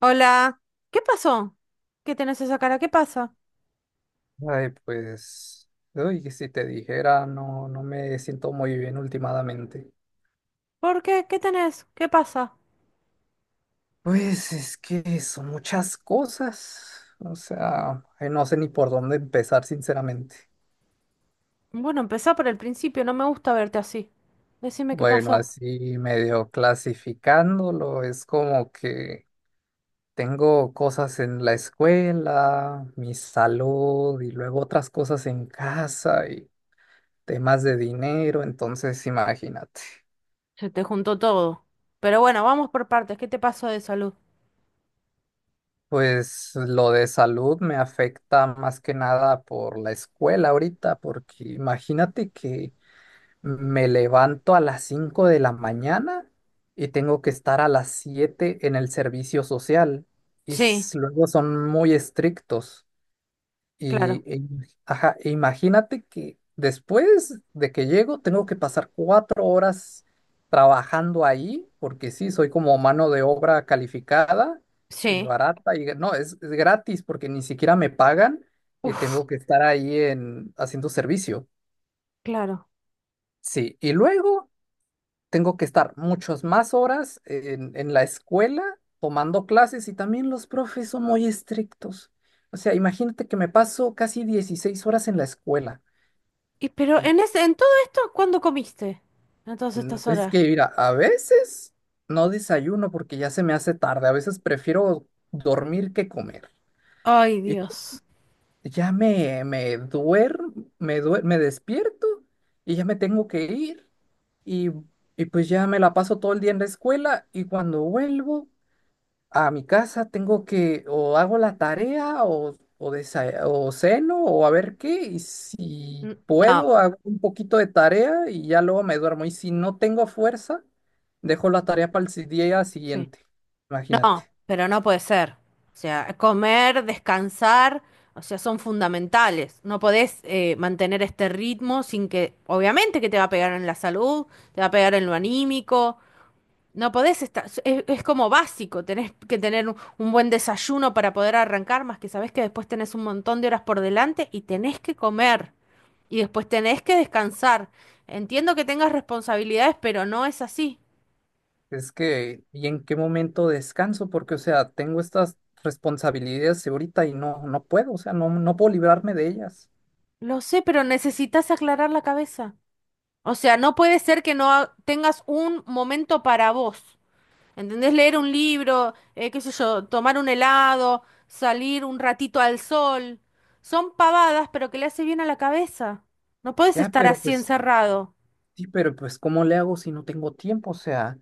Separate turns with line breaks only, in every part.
Hola, ¿qué pasó? ¿Qué tenés esa cara? ¿Qué pasa?
Ay, pues, uy, que si te dijera, no, no me siento muy bien últimamente.
¿Por qué? ¿Qué tenés? ¿Qué pasa?
Pues es que son muchas cosas, o sea, ay, no sé ni por dónde empezar, sinceramente.
Bueno, empezá por el principio, no me gusta verte así. Decime qué
Bueno,
pasó.
así medio clasificándolo, es como que tengo cosas en la escuela, mi salud y luego otras cosas en casa y temas de dinero, entonces imagínate.
Se te juntó todo. Pero bueno, vamos por partes. ¿Qué te pasó de salud?
Pues lo de salud me afecta más que nada por la escuela ahorita, porque imagínate que me levanto a las 5 de la mañana y tengo que estar a las 7 en el servicio social y
Sí,
luego son muy estrictos. Y,
claro.
e- ajá, e imagínate que después de que llego tengo que pasar 4 horas trabajando ahí, porque sí, soy como mano de obra calificada y
Sí.
barata, y no, es gratis porque ni siquiera me pagan y
Uf,
tengo que estar ahí haciendo servicio.
claro.
Sí, y luego tengo que estar muchas más horas en la escuela tomando clases y también los profes son muy estrictos. O sea, imagínate que me paso casi 16 horas en la escuela.
Y pero
Eh,
en ese, en todo esto, ¿cuándo comiste? En todas estas
Es
horas.
que, mira, a veces no desayuno porque ya se me hace tarde. A veces prefiero dormir que comer.
Ay,
Y
Dios.
ya me duermo, me despierto y ya me tengo que ir. Y, y pues ya me la paso todo el día en la escuela y cuando vuelvo, a mi casa, tengo que o hago la tarea o ceno o a ver qué, y si
N- No,
puedo, hago un poquito de tarea y ya luego me duermo. Y si no tengo fuerza, dejo la tarea para el día
sí.
siguiente. Imagínate.
No, pero no puede ser. O sea, comer, descansar, o sea, son fundamentales. No podés mantener este ritmo sin que, obviamente que te va a pegar en la salud, te va a pegar en lo anímico. No podés estar, es como básico, tenés que tener un buen desayuno para poder arrancar, más que sabés que después tenés un montón de horas por delante y tenés que comer y después tenés que descansar. Entiendo que tengas responsabilidades, pero no es así.
Es que, ¿y en qué momento descanso? Porque, o sea, tengo estas responsabilidades ahorita y no, no puedo, o sea, no, no puedo librarme de ellas.
Lo sé, pero necesitas aclarar la cabeza. O sea, no puede ser que no ha- tengas un momento para vos. ¿Entendés? Leer un libro, qué sé yo, tomar un helado, salir un ratito al sol. Son pavadas, pero que le hace bien a la cabeza. No puedes
Ya,
estar
pero
así
pues
encerrado.
Sí, pero pues ¿cómo le hago si no tengo tiempo? O sea,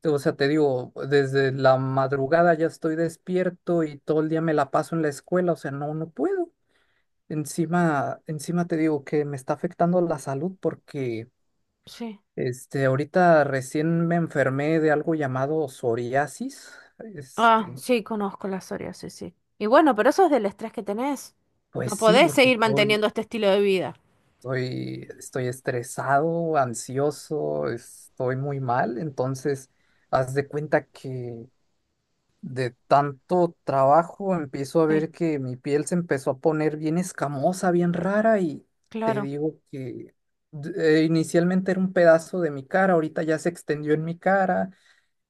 o sea, te digo, desde la madrugada ya estoy despierto y todo el día me la paso en la escuela, o sea, no, no puedo. Encima, encima te digo que me está afectando la salud porque
Sí.
este, ahorita recién me enfermé de algo llamado psoriasis.
Ah,
Este,
sí, conozco la psoriasis, sí. Sí. Y bueno, pero eso es del estrés que tenés.
pues
No
sí,
podés
porque
seguir
estoy,
manteniendo este estilo de vida.
estoy, estoy estresado, ansioso, estoy muy mal, entonces haz de cuenta que de tanto trabajo empiezo a
Sí,
ver que mi piel se empezó a poner bien escamosa, bien rara y te
claro.
digo que inicialmente era un pedazo de mi cara, ahorita ya se extendió en mi cara,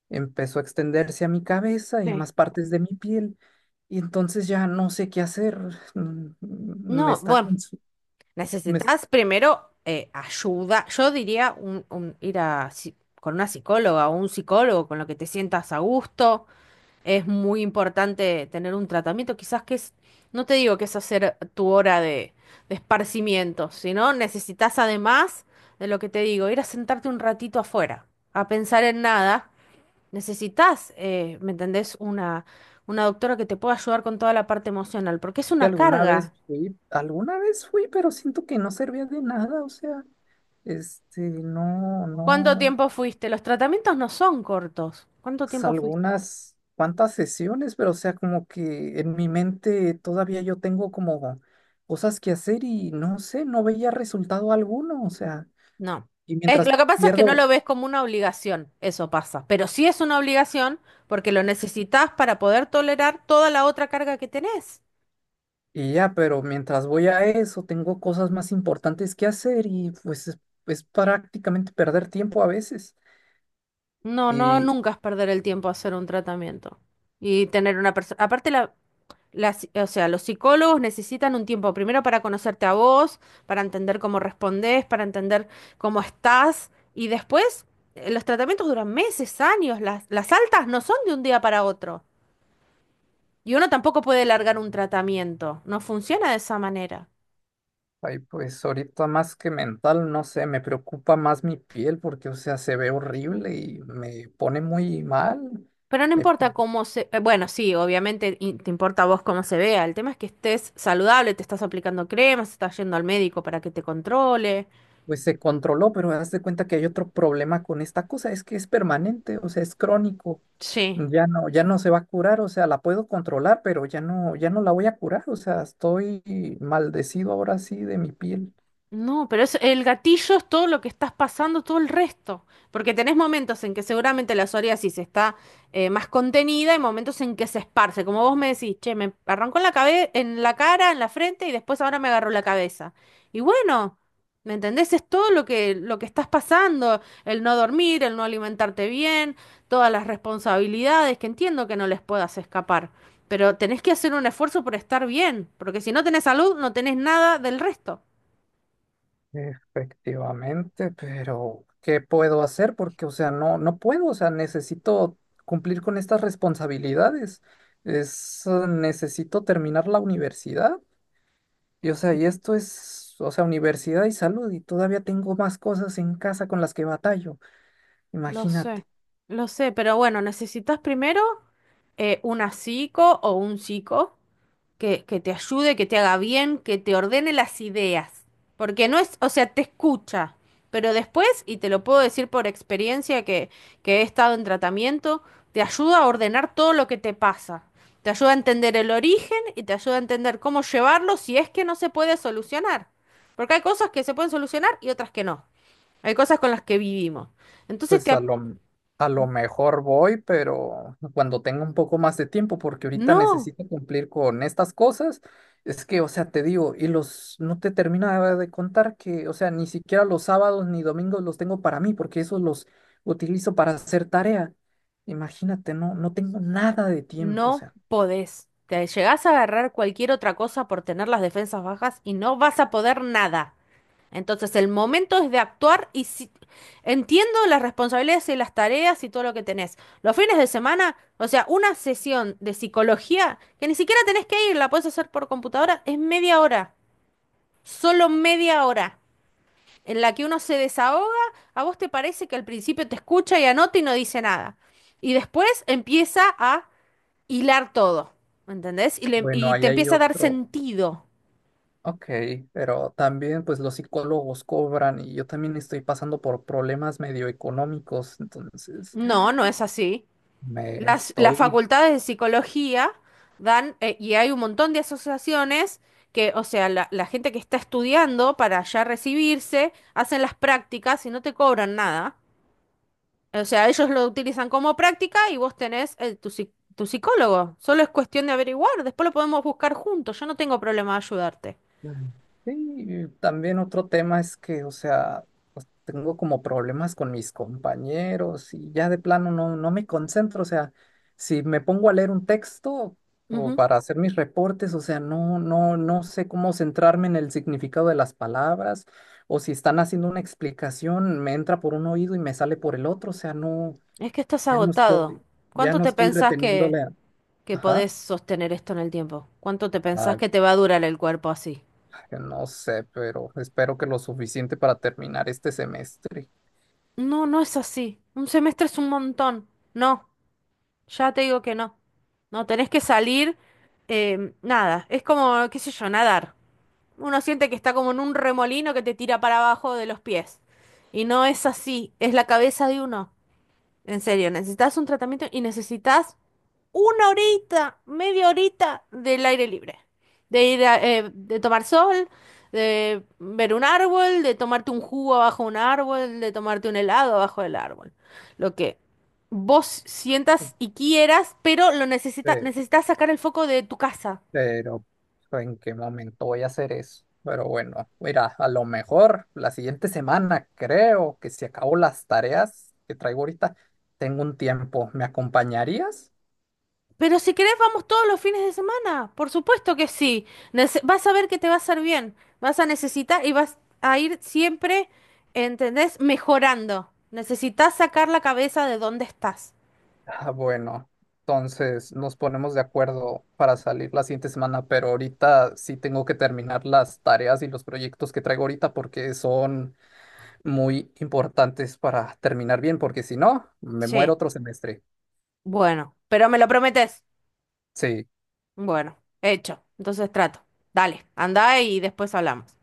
empezó a extenderse a mi cabeza y a
Sí.
más partes de mi piel y entonces ya no sé qué hacer. Mm, mm, Me
No,
está
bueno.
consu- me es-
Necesitas primero ayuda. Yo diría ir a, con una psicóloga o un psicólogo con lo que te sientas a gusto. Es muy importante tener un tratamiento. Quizás que es, no te digo que es hacer tu hora de esparcimiento, sino necesitas además de lo que te digo, ir a sentarte un ratito afuera, a pensar en nada. Necesitas, ¿me entendés? Una doctora que te pueda ayudar con toda la parte emocional, porque es
Que
una
alguna vez
carga.
fui, pero siento que no servía de nada, o sea, este, no,
¿Cuánto
no.
tiempo fuiste? Los tratamientos no son cortos. ¿Cuánto
Pues,
tiempo fuiste?
algunas cuantas sesiones, pero o sea, como que en mi mente todavía yo tengo como cosas que hacer y no sé, no veía resultado alguno, o sea,
No.
y
Es,
mientras
lo que pasa es que no
pierdo,
lo ves como una obligación, eso pasa. Pero sí es una obligación porque lo necesitas para poder tolerar toda la otra carga que tenés.
y ya, pero mientras voy a eso, tengo cosas más importantes que hacer y pues es prácticamente perder tiempo a veces.
No, no,
Y
nunca es perder el tiempo hacer un tratamiento. Y tener una persona. Aparte, la, las, o sea, los psicólogos necesitan un tiempo primero para conocerte a vos, para entender cómo respondés, para entender cómo estás y después los tratamientos duran meses, años, las altas no son de un día para otro y uno tampoco puede largar un tratamiento, no funciona de esa manera.
ay, pues ahorita más que mental, no sé, me preocupa más mi piel porque, o sea, se ve
Sí.
horrible y me pone muy mal.
Pero no
Me
importa cómo se... bueno, sí, obviamente te importa a vos cómo se vea. El tema es que estés saludable, te estás aplicando cremas, estás yendo al médico para que te controle.
Pues se controló, pero haz de cuenta que hay otro problema con esta cosa, es que es permanente, o sea, es crónico.
Sí.
Ya no, ya no se va a curar, o sea, la puedo controlar, pero ya no, ya no la voy a curar, o sea, estoy maldecido ahora sí de mi piel.
No, pero es, el gatillo es todo lo que estás pasando, todo el resto. Porque tenés momentos en que seguramente la psoriasis está más contenida y momentos en que se esparce. Como vos me decís, che, me arrancó en la en la cara, en la frente y después ahora me agarró la cabeza. Y bueno, ¿me entendés? Es todo lo que estás pasando, el no dormir, el no alimentarte bien, todas las responsabilidades, que entiendo que no les puedas escapar. Pero tenés que hacer un esfuerzo por estar bien, porque si no tenés salud, no tenés nada del resto.
Efectivamente, pero ¿qué puedo hacer? Porque, o sea, no, no puedo, o sea, necesito cumplir con estas responsabilidades. Necesito terminar la universidad. O sea, y esto es, o sea, universidad y salud, y todavía tengo más cosas en casa con las que batallo.
Lo sé,
Imagínate.
lo sé, pero bueno, necesitas primero una psico o un psico que te ayude, que te haga bien, que te ordene las ideas. Porque no es, o sea, te escucha, pero después, y te lo puedo decir por experiencia que he estado en tratamiento, te ayuda a ordenar todo lo que te pasa. Te ayuda a entender el origen y te ayuda a entender cómo llevarlo si es que no se puede solucionar. Porque hay cosas que se pueden solucionar y otras que no. Hay cosas con las que vivimos. Entonces
Pues
te,
a lo mejor voy, pero cuando tenga un poco más de tiempo, porque ahorita
no,
necesito cumplir con estas cosas. Es que, o sea, te digo, y los, no te terminaba de contar que, o sea, ni siquiera los sábados ni domingos los tengo para mí, porque esos los utilizo para hacer tarea. Imagínate, no, no tengo nada de tiempo, o
no
sea.
podés. Te llegás a agarrar cualquier otra cosa por tener las defensas bajas y no vas a poder nada. Entonces el momento es de actuar y si... entiendo las responsabilidades y las tareas y todo lo que tenés. Los fines de semana, o sea, una sesión de psicología que ni siquiera tenés que ir, la podés hacer por computadora, es media hora, solo media hora, en la que uno se desahoga, a vos te parece que al principio te escucha y anota y no dice nada. Y después empieza a hilar todo, ¿entendés? Y,
Bueno,
y te
ahí hay
empieza a dar
otro.
sentido.
Ok, pero también pues los psicólogos cobran y yo también estoy pasando por problemas medio económicos, entonces
No, no es así.
me
Las
estoy
facultades de psicología dan, y hay un montón de asociaciones que, o sea, la gente que está estudiando para ya recibirse, hacen las prácticas y no te cobran nada. O sea, ellos lo utilizan como práctica y vos tenés tu, tu psicólogo. Solo es cuestión de averiguar, después lo podemos buscar juntos. Yo no tengo problema de ayudarte.
sí, también otro tema es que, o sea, pues, tengo como problemas con mis compañeros y ya de plano no, no me concentro, o sea, si me pongo a leer un texto o
Ujú.
para hacer mis reportes, o sea, no, no, no sé cómo centrarme en el significado de las palabras o si están haciendo una explicación, me entra por un oído y me sale por el otro, o sea, no,
Es que estás
ya no
agotado.
estoy, ya
¿Cuánto
no
te
estoy
pensás
reteniéndole,
que
ajá,
podés sostener esto en el tiempo. ¿Cuánto te pensás
ah,
que te va a durar el cuerpo así?
que no sé, pero espero que lo suficiente para terminar este semestre.
No, no es así. Un semestre es un montón. No, ya te digo que no. No, tenés que salir, nada, es como, qué sé yo, nadar. Uno siente que está como en un remolino que te tira para abajo de los pies. Y no es así, es la cabeza de uno. En serio, necesitas un tratamiento y necesitas una horita, media horita del aire libre. De ir a, de tomar sol, de ver un árbol, de tomarte un jugo abajo de un árbol, de tomarte un helado abajo del árbol. Lo que vos sientas y quieras, pero lo necesitas
Pe-
necesitas sacar el foco de tu casa.
Pero ¿en qué momento voy a hacer eso? Pero bueno, mira, a lo mejor la siguiente semana creo que si acabo las tareas que traigo ahorita, tengo un tiempo. ¿Me acompañarías?
Pero si querés, vamos todos los fines de semana. Por supuesto que sí. Vas a ver que te va a hacer bien. Vas a necesitar y vas a ir siempre, ¿entendés? Mejorando. Necesitas sacar la cabeza de dónde estás.
Ah, bueno, entonces nos ponemos de acuerdo para salir la siguiente semana, pero ahorita sí tengo que terminar las tareas y los proyectos que traigo ahorita porque son muy importantes para terminar bien, porque si no, me muero
Sí,
otro semestre.
bueno, pero me lo prometes.
Sí.
Bueno, hecho. Entonces trato. Dale, anda y después hablamos.